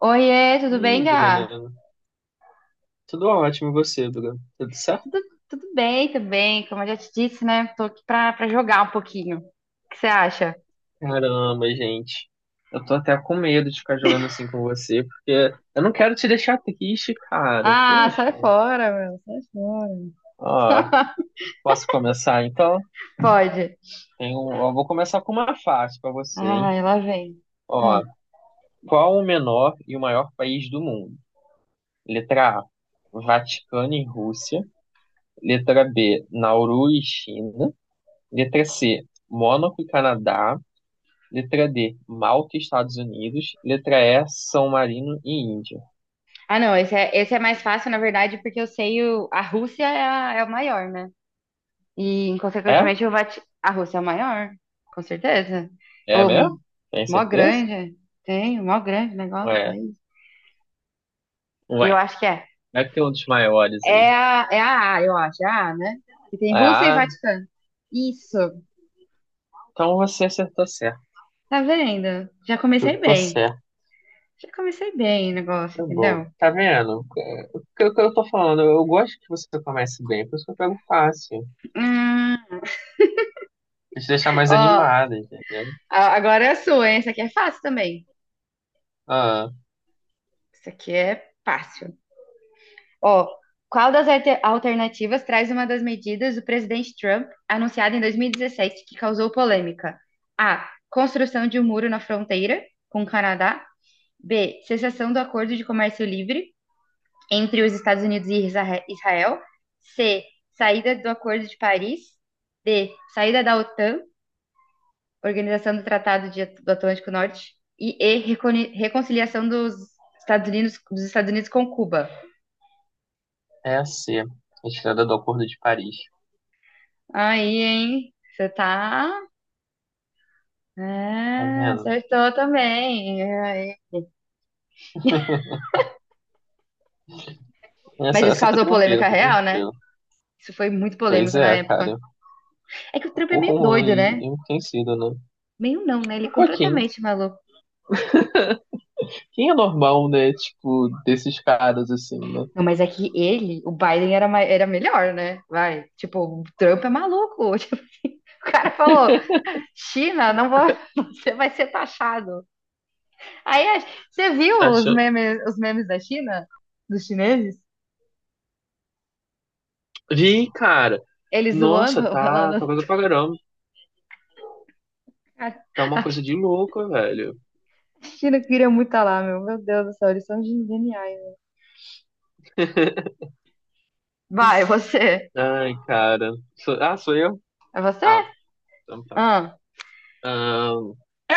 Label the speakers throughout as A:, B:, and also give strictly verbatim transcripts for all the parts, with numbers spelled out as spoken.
A: Oiê,
B: E
A: tudo
B: aí,
A: bem, Gá?
B: Bruna? Tudo ótimo, e você, Bruna? Tudo certo?
A: Tudo, tudo bem também, como eu já te disse, né? Tô aqui pra, pra jogar um pouquinho. O que você acha?
B: Caramba, gente. Eu tô até com medo de ficar jogando assim com você, porque eu não quero te deixar triste, cara.
A: Ah, sai
B: Poxa.
A: fora, meu, sai fora.
B: Ó, posso começar então?
A: Pode.
B: Tenho, ó, vou começar com uma fácil pra você, hein?
A: Ai, lá vem. Ah,
B: Ó, qual o menor e o maior país do mundo? Letra A, Vaticano e Rússia. Letra B, Nauru e China. Letra C, Mônaco e Canadá. Letra D, Malta, Estados Unidos. Letra E, São Marino e Índia.
A: Ah, não, esse é, esse é mais fácil, na verdade, porque eu sei o, a Rússia é, a- é o maior, né? E,
B: É?
A: consequentemente, o Vati... a Rússia é o maior, com certeza.
B: É
A: Ô,
B: mesmo? Tem
A: mó
B: certeza?
A: grande, tem, mó grande negócio,
B: Ué,
A: país.
B: ué.
A: Eu acho que é.
B: Deve ter um dos maiores aí.
A: É a, é a A, eu acho, é a A, né? Que tem Rússia e
B: Ah,
A: Vaticano. Isso.
B: então você acertou certo.
A: Tá vendo? Já
B: Eu
A: comecei
B: tô
A: bem.
B: certo.
A: Já comecei bem o negócio,
B: Tá bom.
A: entendeu?
B: Tá vendo? O que, o que eu tô falando? Eu gosto que você comece bem, por isso que eu pego fácil.
A: Hum,
B: Pra te deixar mais
A: ó,
B: animada, entendeu?
A: a- agora é a sua, hein? Essa aqui é fácil também.
B: Ah,
A: Isso aqui é fácil. Ó, qual das alter- alternativas traz uma das medidas do presidente Trump anunciada em dois mil e dezessete que causou polêmica? A. Construção de um muro na fronteira com o Canadá. B. Cessação do acordo de comércio livre entre os Estados Unidos e Israel. C. Saída do Acordo de Paris. D. Saída da OTAN, Organização do Tratado de- do Atlântico Norte. E E. Reconi- Reconciliação dos Estados Unidos, dos Estados Unidos com Cuba.
B: é assim, a C. Retirada do Acordo de Paris.
A: Aí, hein? Você tá.
B: Tá
A: É,
B: vendo?
A: acertou também. É, aí. Mas
B: Essa,
A: isso
B: essa foi
A: causou
B: tranquila,
A: polêmica
B: foi
A: real, né?
B: tranquila.
A: Isso foi muito
B: Pois
A: polêmico na
B: é, cara.
A: época. É que o Trump é
B: Por
A: meio
B: um
A: doido, né?
B: e um enriquecido, né?
A: Meio não, né? Ele é
B: Um pouquinho.
A: completamente maluco.
B: Quem é normal, né? Tipo, desses caras assim, né?
A: Não, mas é que ele, o Biden era, mai- era melhor, né? Vai, tipo, o Trump é maluco. Tipo, o cara falou, China, não vou, você vai ser taxado. Aí, a- você viu
B: Tá
A: os
B: achando...
A: memes, os memes da China? Dos chineses?
B: Vi, cara.
A: Eles zoando,
B: Nossa, tá,
A: falando,
B: tá coisa pra caramba.
A: cara,
B: Tá uma
A: a
B: coisa de louco, velho.
A: China queria muito estar lá, meu. Meu Deus do céu, eles são geniais. Né? Vai, você.
B: Ai, cara. Sou- Ah, sou eu?
A: É você?
B: Ah, então tá.
A: Ah,
B: Ahn,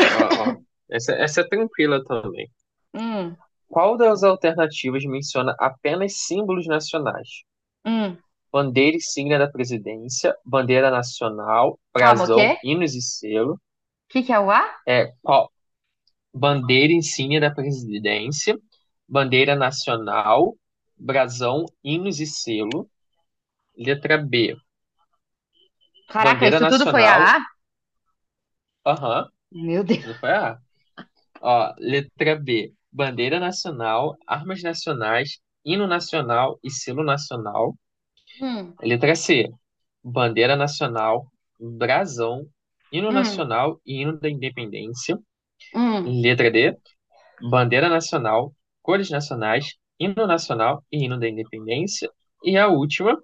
B: ó, ó. Essa, essa é tranquila também.
A: hum,
B: Qual das alternativas menciona apenas símbolos nacionais?
A: hum.
B: Bandeira e signa da presidência, bandeira nacional,
A: Calma, o quê? O
B: brasão, hinos e selo.
A: que que é o A?
B: É, qual- Bandeira insígnia da presidência, bandeira nacional, brasão, hinos e selo. Letra B,
A: Caraca,
B: bandeira
A: isso tudo foi
B: nacional,
A: a A?
B: aham,
A: Meu Deus.
B: tudo foi A. Ó, letra B, bandeira nacional, armas nacionais, hino nacional e selo nacional.
A: Hum,
B: Letra C, bandeira nacional, brasão, hino
A: hum,
B: nacional e hino da independência.
A: hum.
B: Letra D, bandeira nacional, cores nacionais, hino nacional e hino da independência, e a última,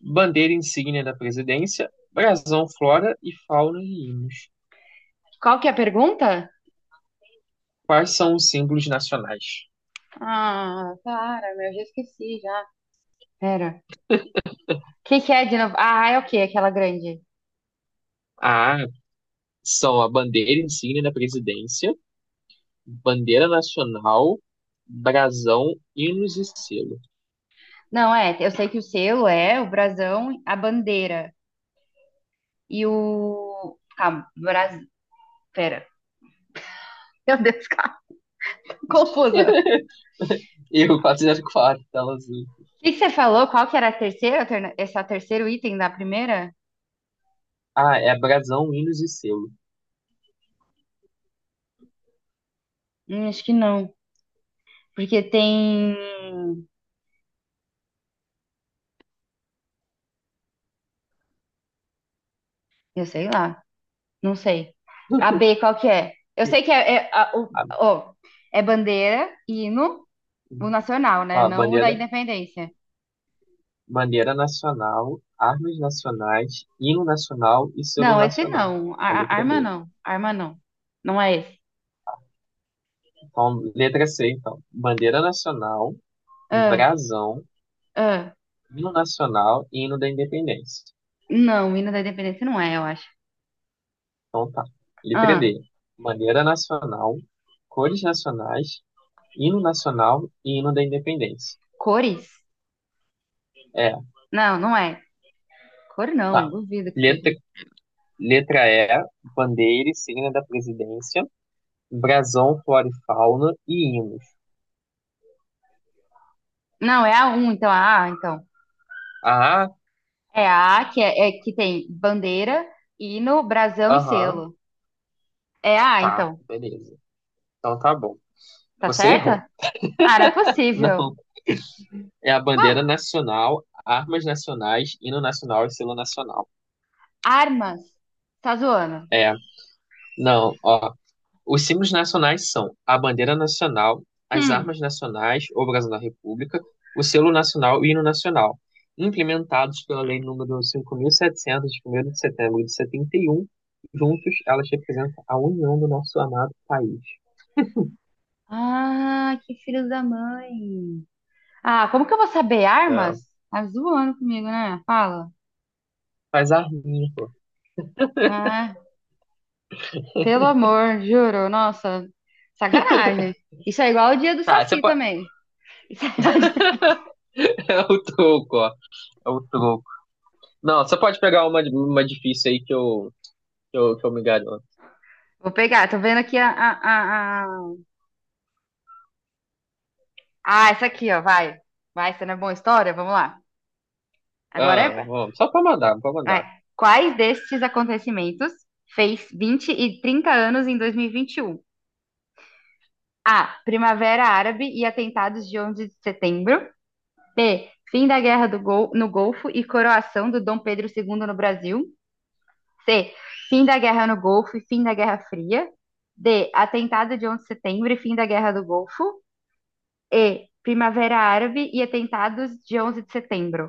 B: bandeira insígnia da presidência, brasão, flora e fauna e hinos.
A: Qual que é a pergunta?
B: Quais são os símbolos nacionais?
A: Ah, para, meu, já esqueci já. Pera. O que que é de novo? Ah, é o quê? Aquela grande.
B: A são a bandeira insígnia da presidência, bandeira nacional, brasão, hinos e selo.
A: Não, é, eu sei que o selo é o brasão, a bandeira e o... Calma, Bras... Pera. Meu Deus, calma. Confusa.
B: Erro quatrocentos e quatro, tela azul.
A: O que que você falou? Qual que era a terceira, alterna- esse é o terceiro item da primeira?
B: Ah, é brasão, hinos e selo.
A: Hum, acho que não. Porque tem... Eu sei lá, não sei. A B, qual que é? Eu sei que é, é a- o,
B: A,
A: ó, é bandeira, hino, o nacional, né?
B: a
A: Não o da
B: bandeira
A: independência.
B: bandeira nacional, armas nacionais, hino nacional e selo
A: Não, esse
B: nacional.
A: não.
B: A
A: A- a-
B: letra
A: arma
B: B.
A: não. Arma não. Não é esse.
B: Então, letra C, então. Bandeira nacional,
A: Ah,
B: brasão,
A: ah.
B: hino nacional e hino da independência.
A: Não, o hino da independência não é, eu acho.
B: Então, tá. Letra
A: Ah,
B: D. Bandeira nacional, cores nacionais, hino nacional e hino da independência.
A: cores?
B: É,
A: Não, não é. Cor
B: tá.
A: não, duvido que seja.
B: Letra, letra E. Bandeira e signa da presidência, brasão, flora e fauna e hinos.
A: Não, é a um, então a A, então.
B: Ah,
A: É a A que, é, é que tem bandeira, hino, brasão e
B: aham,
A: selo. É a A, então.
B: tá, beleza. Então tá bom.
A: Tá
B: Você errou.
A: certa? Ah, não é possível.
B: Não. É a
A: Ah,
B: bandeira nacional, armas nacionais, hino nacional e selo nacional.
A: armas. Tá zoando.
B: É. Não, ó. Os símbolos nacionais são a bandeira nacional, as
A: Hum.
B: armas nacionais, ou brasão da República, o selo nacional e o hino nacional, implementados pela Lei número cinco mil e setecentos, de 1º de setembro de setenta e um. Juntos, elas representam a união do nosso amado país.
A: Ah, que filhos da mãe. Ah, como que eu vou saber
B: É.
A: armas? Tá zoando comigo, né? Fala.
B: Faz a rima, pô.
A: Ah, pelo amor, juro. Nossa, sacanagem. Isso é igual o dia do
B: Tá, você
A: Saci
B: pode...
A: também. Isso é igual o dia-
B: É o troco, ó. É o troco. Não, você pode pegar uma, uma difícil aí que eu, que eu, que eu me garanto.
A: Vou pegar, tô vendo aqui a, a, a, a- ah, essa aqui, ó, vai. Vai, essa não é boa história? Vamos lá. Agora
B: Ah,
A: é...
B: vamos. Só pra mandar, pra
A: Vai.
B: mandar.
A: Quais destes acontecimentos fez vinte e trinta anos em dois mil e vinte e um? A. Primavera Árabe e atentados de onze de setembro. B. Fim da Guerra do Gol- no Golfo e coroação do Dom Pedro segundo no Brasil. C. Fim da Guerra no Golfo e fim da Guerra Fria. D. Atentado de onze de setembro e fim da Guerra do Golfo. E. Primavera Árabe e atentados de onze de setembro.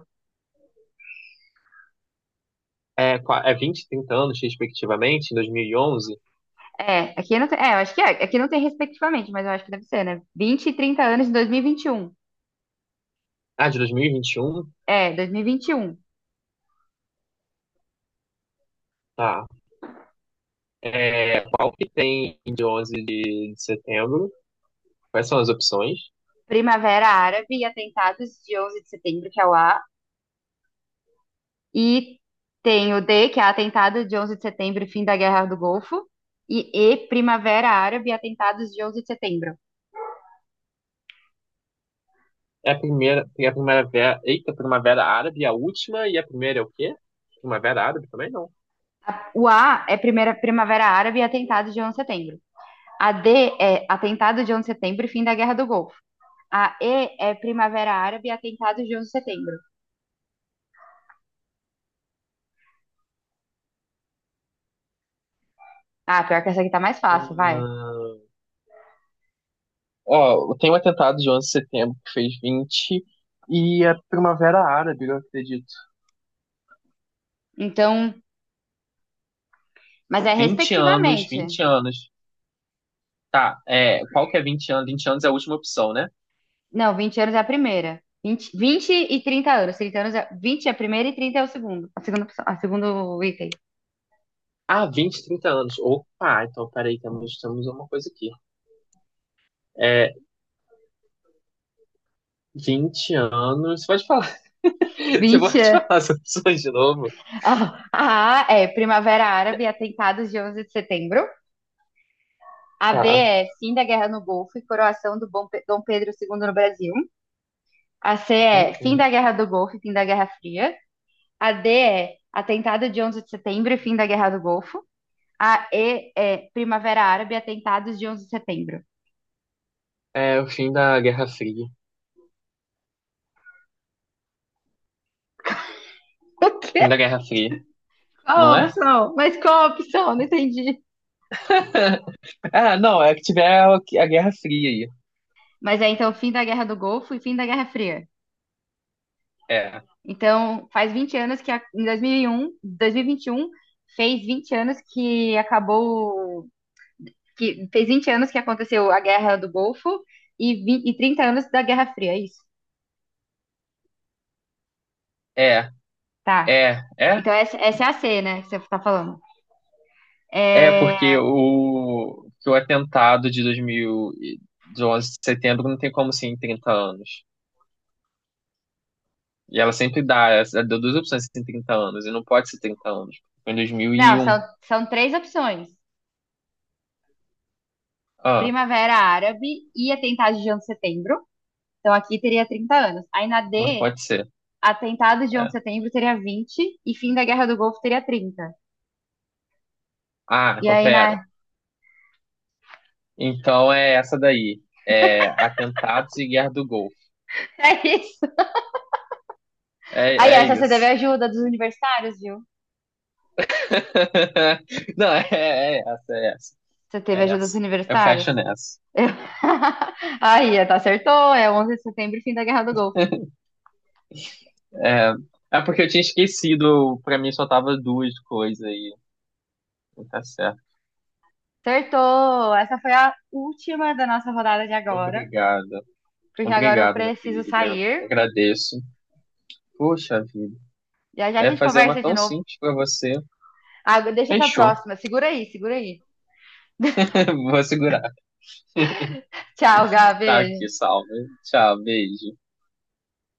B: É, qua- é vinte, trinta anos, respectivamente, em dois mil e onze.
A: É, aqui não tem, é, eu acho que é, aqui não tem respectivamente, mas eu acho que deve ser, né? Vinte e trinta anos de dois mil e vinte e um.
B: Ah, de dois mil e e vinte e um.
A: É, dois mil e vinte e um.
B: Tá. É, qual que tem de onze de, de setembro? Quais são as opções?
A: Primavera Árabe e atentados de onze de setembro, que é o A. E tem o D, que é atentado de onze de setembro e fim da Guerra do Golfo. E E, Primavera Árabe e atentados de onze de setembro.
B: É a primeira, tem a primavera, eita, primavera árabe, a última, e a primeira é o quê? Primavera árabe também não.
A: A- O A é primeira Primavera Árabe e atentados de onze de setembro. A D é atentado de onze de setembro e fim da Guerra do Golfo. A E é Primavera Árabe e atentados de onze de setembro. Ah, pior que essa aqui tá mais fácil, vai.
B: Ah, ó, tem um atentado de onze de setembro que fez vinte e a primavera árabe, eu acredito.
A: Então, mas é
B: vinte anos,
A: respectivamente.
B: vinte anos. Tá, é, qual que é vinte anos? Vinte anos é a última opção, né?
A: Não, vinte anos é a primeira. Vinte vinte e trinta anos. Trinta anos é, vinte é a primeira e trinta é o segundo. A segunda, opção- a segundo item.
B: Ah, vinte trinta anos. Opa, então peraí, temos, temos uma coisa aqui. É, vinte anos. Você pode falar, você
A: Vinte
B: pode
A: anos.
B: falar as opções de novo?
A: Ó, a A é Primavera Árabe, atentados de onze de setembro. A B
B: Tá.
A: é fim da guerra no Golfo e coroação do Bom Pe- Dom Pedro segundo no Brasil. A C é
B: Hum,
A: fim
B: hum.
A: da guerra do Golfo e fim da Guerra Fria. A D é atentado de onze de setembro e fim da guerra do Golfo. A E é Primavera Árabe, atentados de onze de setembro.
B: É o fim da Guerra Fria.
A: O quê?
B: Fim da Guerra Fria,
A: Qual
B: não
A: a
B: é?
A: opção? Mas qual a opção? Não entendi.
B: Ah, não, é que tiver a a Guerra Fria aí.
A: Mas é então fim da guerra do Golfo e fim da Guerra Fria.
B: É,
A: Então, faz vinte anos que a- em dois mil e um, dois mil e vinte e um fez vinte anos que acabou, que fez vinte anos que aconteceu a Guerra do Golfo e, vinte e trinta anos da Guerra Fria, é isso?
B: é,
A: Tá.
B: é, é.
A: Então essa, essa é a C, né, que você tá falando.
B: É, porque
A: É,
B: o, que o atentado de dois mil, e- de onze de setembro não tem como ser em trinta anos. E ela sempre dá, ela deu duas opções em trinta anos, e não pode ser trinta anos. Foi em
A: não,
B: dois mil e um.
A: são, são três opções.
B: Ah,
A: Primavera Árabe e atentado de onze de setembro. Então aqui teria trinta anos. Aí na
B: não
A: D,
B: pode ser.
A: atentado de onze de
B: É.
A: setembro teria vinte e fim da Guerra do Golfo teria trinta.
B: Ah,
A: E
B: então
A: aí
B: pera.
A: na
B: Então é essa daí. É atentados e Guerra do Golfo.
A: É isso. Aí,
B: É, é
A: essa você teve
B: isso.
A: ajuda dos universitários, viu?
B: Não, é, é é essa, é essa.
A: Você teve
B: É
A: ajuda dos
B: essa. Eu
A: universitários?
B: fecho nessa.
A: Eu- Aí, tá, acertou. É onze de setembro, fim da Guerra do Golfo.
B: É, é porque eu tinha esquecido, pra mim só tava duas coisas aí. Tá certo.
A: Acertou! Essa foi a última da nossa rodada de agora,
B: Obrigado.
A: porque agora eu
B: Obrigado, minha
A: preciso
B: querida.
A: sair.
B: Eu agradeço. Puxa vida.
A: Já já a
B: É
A: gente
B: fazer uma
A: conversa de
B: tão
A: novo.
B: simples pra você.
A: Ah, deixa pra
B: Fechou.
A: próxima. Segura aí, segura aí.
B: Vou segurar.
A: Tchau, Gabi.
B: Tá aqui, salve. Tchau, beijo.